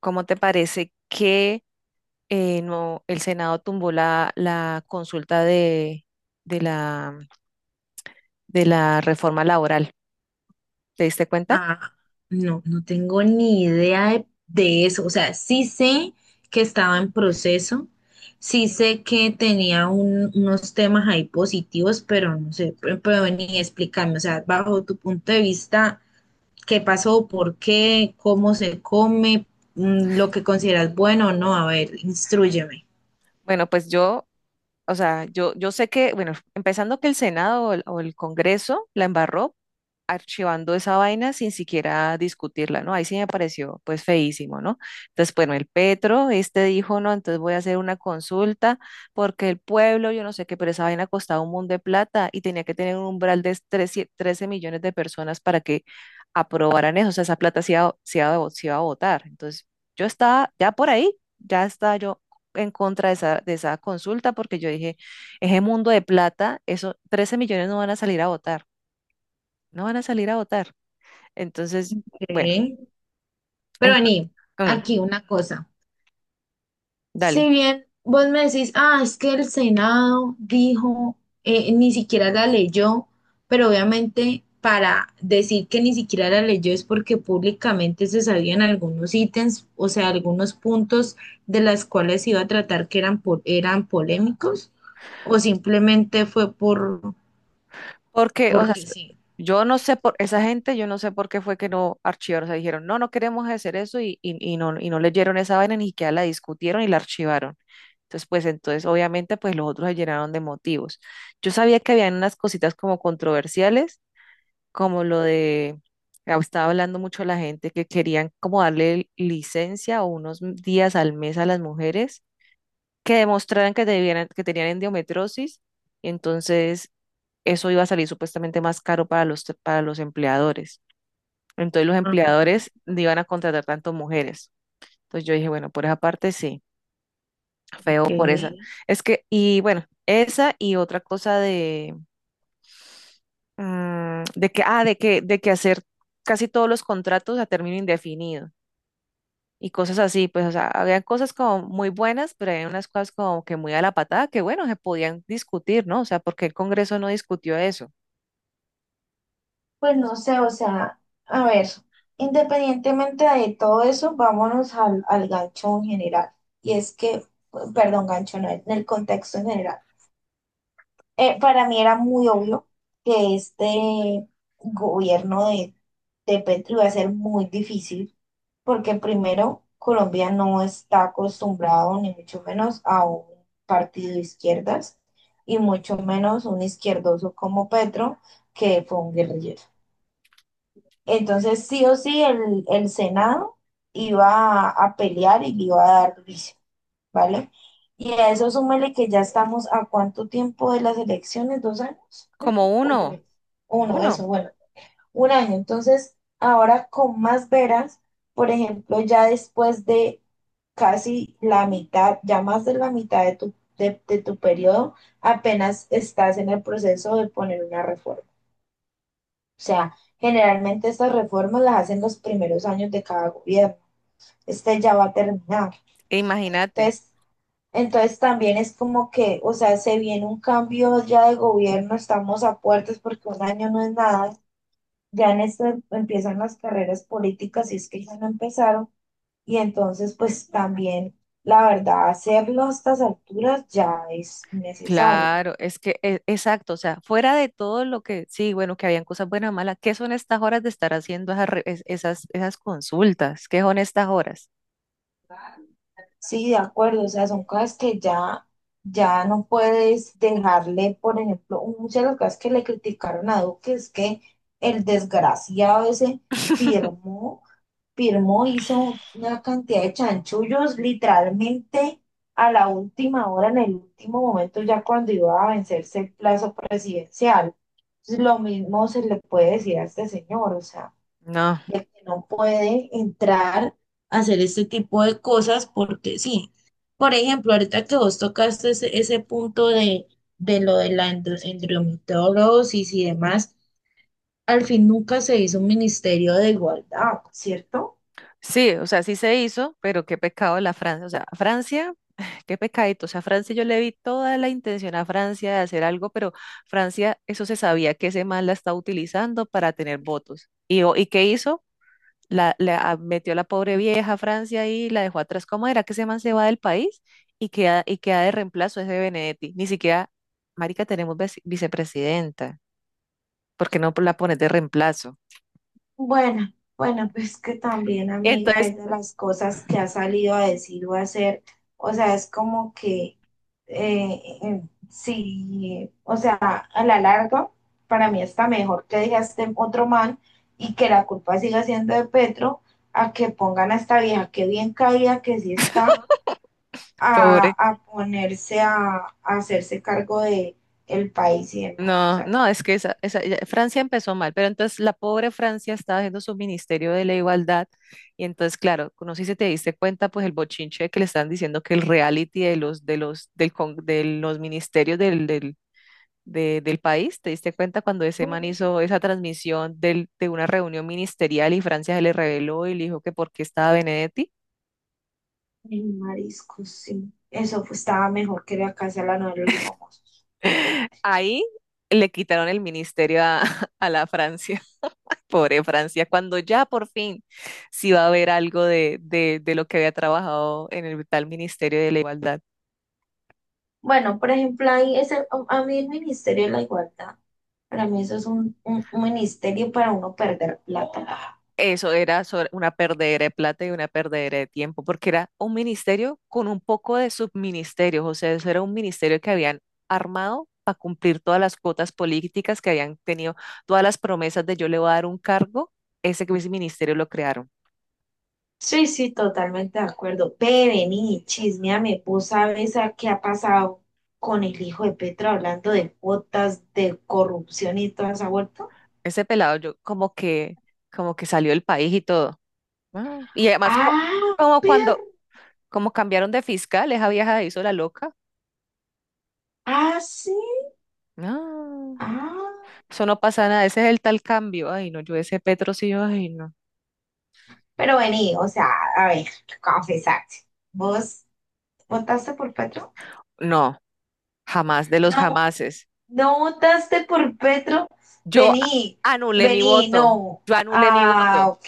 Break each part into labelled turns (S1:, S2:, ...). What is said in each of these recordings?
S1: ¿Cómo te parece que no, el Senado tumbó la consulta de la, de la reforma laboral? ¿Te diste cuenta?
S2: Ah, no, no tengo ni idea de eso. O sea, sí sé que estaba en proceso, sí sé que tenía unos temas ahí positivos, pero no sé, pero ni explicarme. O sea, bajo tu punto de vista, ¿qué pasó? ¿Por qué? ¿Cómo se come? ¿Lo que consideras bueno o no? A ver, instrúyeme.
S1: Bueno, pues yo O sea, yo sé que, bueno, empezando que el Senado o o el Congreso la embarró archivando esa vaina sin siquiera discutirla, ¿no? Ahí sí me pareció pues feísimo, ¿no? Entonces, bueno, el Petro, este dijo, no, entonces voy a hacer una consulta porque el pueblo, yo no sé qué, pero esa vaina costaba un mundo de plata y tenía que tener un umbral de 13 13 millones de personas para que aprobaran eso. O sea, esa plata se iba se iba a votar. Entonces, yo estaba ya por ahí, ya estaba yo en contra de esa consulta porque yo dije, ese mundo de plata, eso, 13 millones no van a salir a votar, no van a salir a votar. Entonces, bueno, sí.
S2: Ok. Pero
S1: ent-
S2: vení,
S1: mm,
S2: aquí una cosa. Si
S1: dale.
S2: bien vos me decís, ah, es que el Senado dijo, ni siquiera la leyó, pero obviamente para decir que ni siquiera la leyó es porque públicamente se sabían algunos ítems, o sea, algunos puntos de las cuales se iba a tratar que eran, eran polémicos, o simplemente fue por,
S1: Porque, o sea,
S2: porque sí.
S1: yo no sé por esa gente, yo no sé por qué fue que no archivaron, o sea, dijeron, no, no queremos hacer eso y no leyeron esa vaina, ni siquiera la discutieron y la archivaron. Entonces, pues entonces, obviamente, pues los otros se llenaron de motivos. Yo sabía que habían unas cositas como controversiales, como lo de, estaba hablando mucho la gente que querían como darle licencia o unos días al mes a las mujeres que demostraran que, debieran, que tenían endometriosis, y entonces eso iba a salir supuestamente más caro para los empleadores. Entonces los
S2: Ajá,
S1: empleadores no iban a contratar tanto mujeres. Entonces yo dije, bueno, por esa parte sí, feo
S2: ok.
S1: por esa. Sí. Es que, y bueno, esa y otra cosa de, de que, de que hacer casi todos los contratos a término indefinido, y cosas así. Pues, o sea, habían cosas como muy buenas, pero había unas cosas como que muy a la patada, que bueno, se podían discutir, ¿no? O sea, ¿porque el Congreso no discutió eso?
S2: Pues no sé, o sea, a ver, independientemente de todo eso, vámonos al gancho en general. Y es que, perdón, gancho, no, en el contexto en general. Para mí era muy obvio que este gobierno de Petro iba a ser muy difícil, porque primero, Colombia no está acostumbrado, ni mucho menos, a un partido de izquierdas, y mucho menos un izquierdoso como Petro, que fue un guerrillero. Entonces, sí o sí, el Senado iba a pelear y le iba a dar juicio, ¿vale? Y a eso súmele que ya estamos a cuánto tiempo de las elecciones, 2 años, creo,
S1: Como
S2: o tres,
S1: uno.
S2: uno, eso,
S1: Uno.
S2: bueno, 1 año. Entonces, ahora con más veras, por ejemplo, ya después de casi la mitad, ya más de la mitad de tu, de tu periodo, apenas estás en el proceso de poner una reforma. O sea, generalmente estas reformas las hacen los primeros años de cada gobierno. Este ya va a terminar.
S1: E imagínate.
S2: Entonces, entonces, también es como que, o sea, se viene un cambio ya de gobierno, estamos a puertas porque 1 año no es nada. Ya en esto empiezan las carreras políticas, si es que ya no empezaron. Y entonces, pues también, la verdad, hacerlo a estas alturas ya es necesario.
S1: Claro, es que, exacto, o sea, fuera de todo lo que, sí, bueno, que habían cosas buenas o malas, ¿qué son estas horas de estar haciendo esas, re- es- esas, esas consultas? ¿Qué son estas horas?
S2: Sí, de acuerdo, o sea, son cosas ya no puedes dejarle, por ejemplo, muchas de las cosas que le criticaron a Duque es que el desgraciado ese firmó, firmó, hizo una cantidad de chanchullos literalmente a la última hora, en el último momento, ya cuando iba a vencerse el plazo presidencial. Entonces, lo mismo se le puede decir a este señor, o sea
S1: No.
S2: de que no puede entrar a hacer este tipo de cosas porque sí. Por ejemplo, ahorita que vos tocaste ese punto de lo de la endometriosis y demás, al fin nunca se hizo un ministerio de igualdad, ¿cierto?
S1: Sí, o sea, sí se hizo, pero qué pecado la Francia. O sea, Francia, qué pecadito. O sea, Francia, yo le vi toda la intención a Francia de hacer algo, pero Francia, eso se sabía que ese man la está utilizando para tener votos. ¿Y qué hizo? Metió a la pobre vieja a Francia y la dejó atrás. ¿Cómo era que ese man se va del país y y queda de reemplazo ese Benedetti? Ni siquiera, marica, tenemos vicepresidenta. ¿Por qué no la pones de reemplazo?
S2: Bueno, pues que también, amiga,
S1: Entonces,
S2: es de las cosas que ha salido a decir o a hacer, o sea, es como que eh, eh, sí, a la larga, para mí está mejor que deje a este otro man y que la culpa siga siendo de Petro, a que pongan a esta vieja que bien caída, que sí está,
S1: pobre.
S2: a ponerse a hacerse cargo de el país y demás. O
S1: No,
S2: sea,
S1: no, es que Francia empezó mal, pero entonces la pobre Francia estaba haciendo su ministerio de la igualdad. Y entonces, claro, no sé si te diste cuenta, pues el bochinche que le están diciendo, que el reality de los ministerios del país, ¿te diste cuenta cuando ese man hizo esa transmisión de una reunión ministerial y Francia se le reveló y le dijo que por qué estaba Benedetti?
S2: el marisco sí. Eso pues, estaba mejor que la casa de la novela de los famosos.
S1: Ahí le quitaron el ministerio a, a la Francia. Pobre Francia, cuando ya por fin sí va a haber algo de lo que había trabajado en el tal Ministerio de la Igualdad.
S2: Bueno, por ejemplo, a mí el Ministerio de la Igualdad. Para mí eso es un ministerio para uno perder plata.
S1: Eso era una perdedera de plata y una perdedera de tiempo, porque era un ministerio con un poco de subministerios. O sea, eso era un ministerio que habían armado para cumplir todas las cuotas políticas que habían tenido, todas las promesas de yo le voy a dar un cargo. Ese ministerio lo crearon.
S2: Sí, sí, totalmente de acuerdo. Ve, vení, chismeame, vos sabes a qué ha pasado con el hijo de Petro hablando de cuotas, de corrupción y toda esa vuelta.
S1: Ese pelado yo como que salió del país y todo. Ah, y además,
S2: Ah,
S1: como
S2: pero,
S1: cuando, como cambiaron de fiscal, esa vieja se hizo la loca.
S2: ah, sí,
S1: No,
S2: ah.
S1: eso no pasa nada, ese es el tal cambio. Ay, no, yo ese Petro sí, ay, no.
S2: Pero vení, o sea, a ver, confesate. Vos ¿votaste por Petro?
S1: No, jamás, de los
S2: No,
S1: jamases.
S2: no votaste por Petro.
S1: Sí,
S2: Vení,
S1: anulé mi
S2: vení,
S1: voto,
S2: no.
S1: yo anulé mi
S2: Ah,
S1: voto.
S2: ok,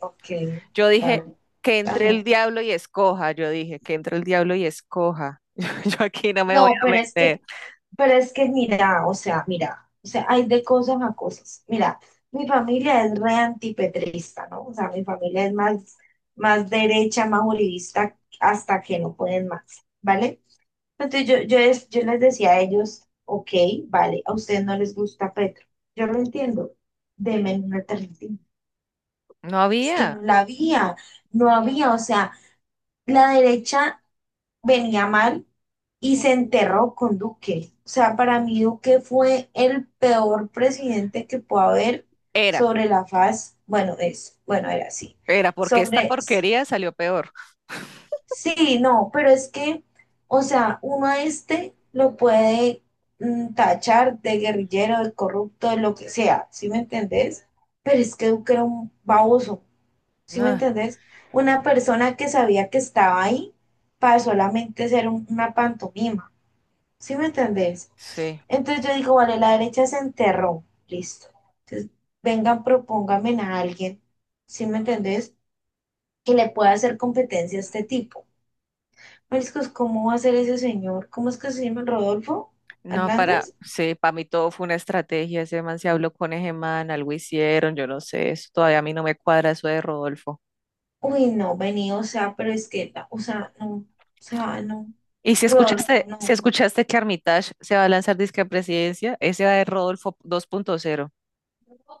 S2: ok,
S1: Yo dije
S2: vale,
S1: que entre el
S2: vale.
S1: diablo y escoja, yo dije que entre el diablo y escoja. Yo aquí no me voy
S2: No,
S1: a meter.
S2: pero es que mira, o sea, hay de cosas a cosas. Mira, mi familia es re antipetrista, ¿no? O sea, mi familia es más, más derecha, más uribista, hasta que no pueden más, ¿vale? Entonces yo les decía a ellos, ok, vale, a ustedes no les gusta Petro. Yo lo entiendo, denme una alternativa.
S1: No
S2: Es que
S1: había,
S2: no la había, no había, o sea, la derecha venía mal y se enterró con Duque. O sea, para mí Duque fue el peor presidente que pueda haber
S1: era,
S2: sobre la faz, bueno, es, bueno, era así,
S1: era, porque esta
S2: sobre
S1: porquería salió peor.
S2: sí, no, pero es que, o sea, uno a este lo puede tachar de guerrillero, de corrupto, de lo que sea, ¿sí me entendés? Pero es que Duque era un baboso, ¿sí me
S1: No,
S2: entendés? Una persona que sabía que estaba ahí para solamente ser una pantomima, ¿sí me entendés?
S1: sí.
S2: Entonces yo digo, vale, la derecha se enterró, listo. Entonces, vengan, propónganme a alguien, ¿sí me entendés? Que le pueda hacer competencia a este tipo. Mariscos, ¿cómo va a ser ese señor? ¿Cómo es que se llama Rodolfo
S1: No,
S2: Hernández?
S1: sí, para mí todo fue una estrategia. Ese man se habló con ese man, algo hicieron, yo no sé, eso todavía a mí no me cuadra eso de Rodolfo.
S2: Uy, no, vení, o sea, pero es que, o sea, no,
S1: Y
S2: Rodolfo,
S1: si
S2: no,
S1: escuchaste que Armitage se va a lanzar disque a presidencia, ese va de Rodolfo 2.0.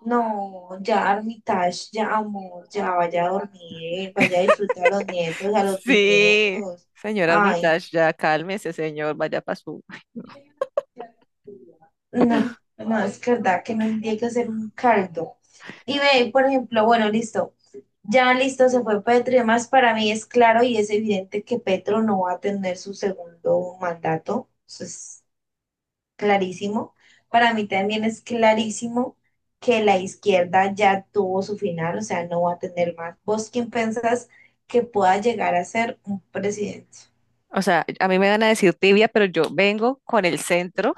S2: no, ya Armitage, ya amor, ya vaya a dormir, vaya a disfrutar a los nietos, a los
S1: Sí,
S2: bisnietos.
S1: señor
S2: Ay,
S1: Armitage, ya cálmese, señor, vaya para su.
S2: no, no, no, es verdad que no hay que hacer un caldo. Y ve, por ejemplo, bueno, listo. Ya listo, se fue Petro y demás. Para mí es claro y es evidente que Petro no va a tener su segundo mandato. Eso es clarísimo. Para mí también es clarísimo que la izquierda ya tuvo su final, o sea, no va a tener más. ¿Vos quién pensás que pueda llegar a ser un presidente?
S1: O sea, a mí me van a decir tibia, pero yo vengo con el centro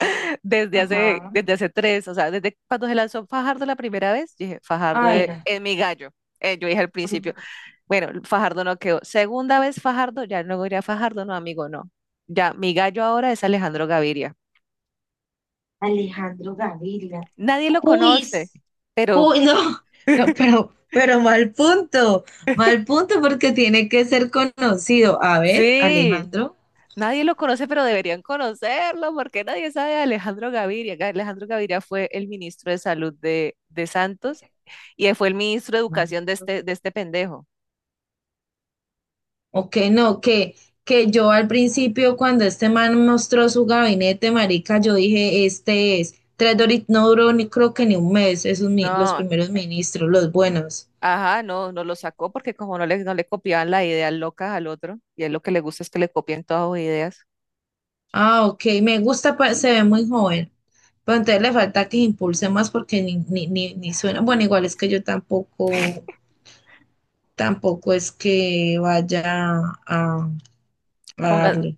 S2: Ajá.
S1: desde hace tres, o sea, desde cuando se lanzó Fajardo la primera vez, dije, Fajardo
S2: Ay,
S1: es
S2: no.
S1: es mi gallo. Yo dije al principio.
S2: Ajá.
S1: Bueno, Fajardo no quedó. Segunda vez Fajardo, ya luego iría Fajardo, no, amigo, no. Ya, mi gallo ahora es Alejandro Gaviria.
S2: Alejandro Gaviria.
S1: Nadie lo
S2: Juiz,
S1: conoce,
S2: ju-
S1: pero
S2: no, no, pero mal punto porque tiene que ser conocido. A ver,
S1: sí,
S2: Alejandro,
S1: nadie lo conoce, pero deberían conocerlo, porque nadie sabe de Alejandro Gaviria. Alejandro Gaviria fue el ministro de Salud de Santos y él fue el ministro de Educación de este pendejo.
S2: o que no, que yo al principio cuando este man mostró su gabinete, marica, yo dije, este es, tres Doritos, no duró ni creo que ni un mes, esos los
S1: No,
S2: primeros ministros, los buenos.
S1: ajá, no, no lo sacó porque como no le copiaban las ideas locas al otro, y a él lo que le gusta es que le copien todas sus ideas.
S2: Ah, ok, me gusta, se ve muy joven, pero entonces le falta que impulse más porque ni suena, bueno, igual es que yo tampoco. Tampoco es que vaya a, a
S1: Ponga,
S2: darle.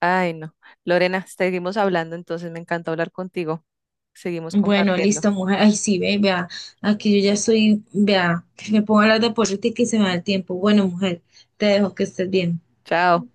S1: ay, no. Lorena, seguimos hablando, entonces me encanta hablar contigo. Seguimos
S2: Bueno,
S1: compartiendo.
S2: listo, mujer. Ay, sí, ve, vea. Aquí yo ya estoy, vea. Me pongo a hablar de política y se me da el tiempo. Bueno, mujer, te dejo que estés bien.
S1: Chao.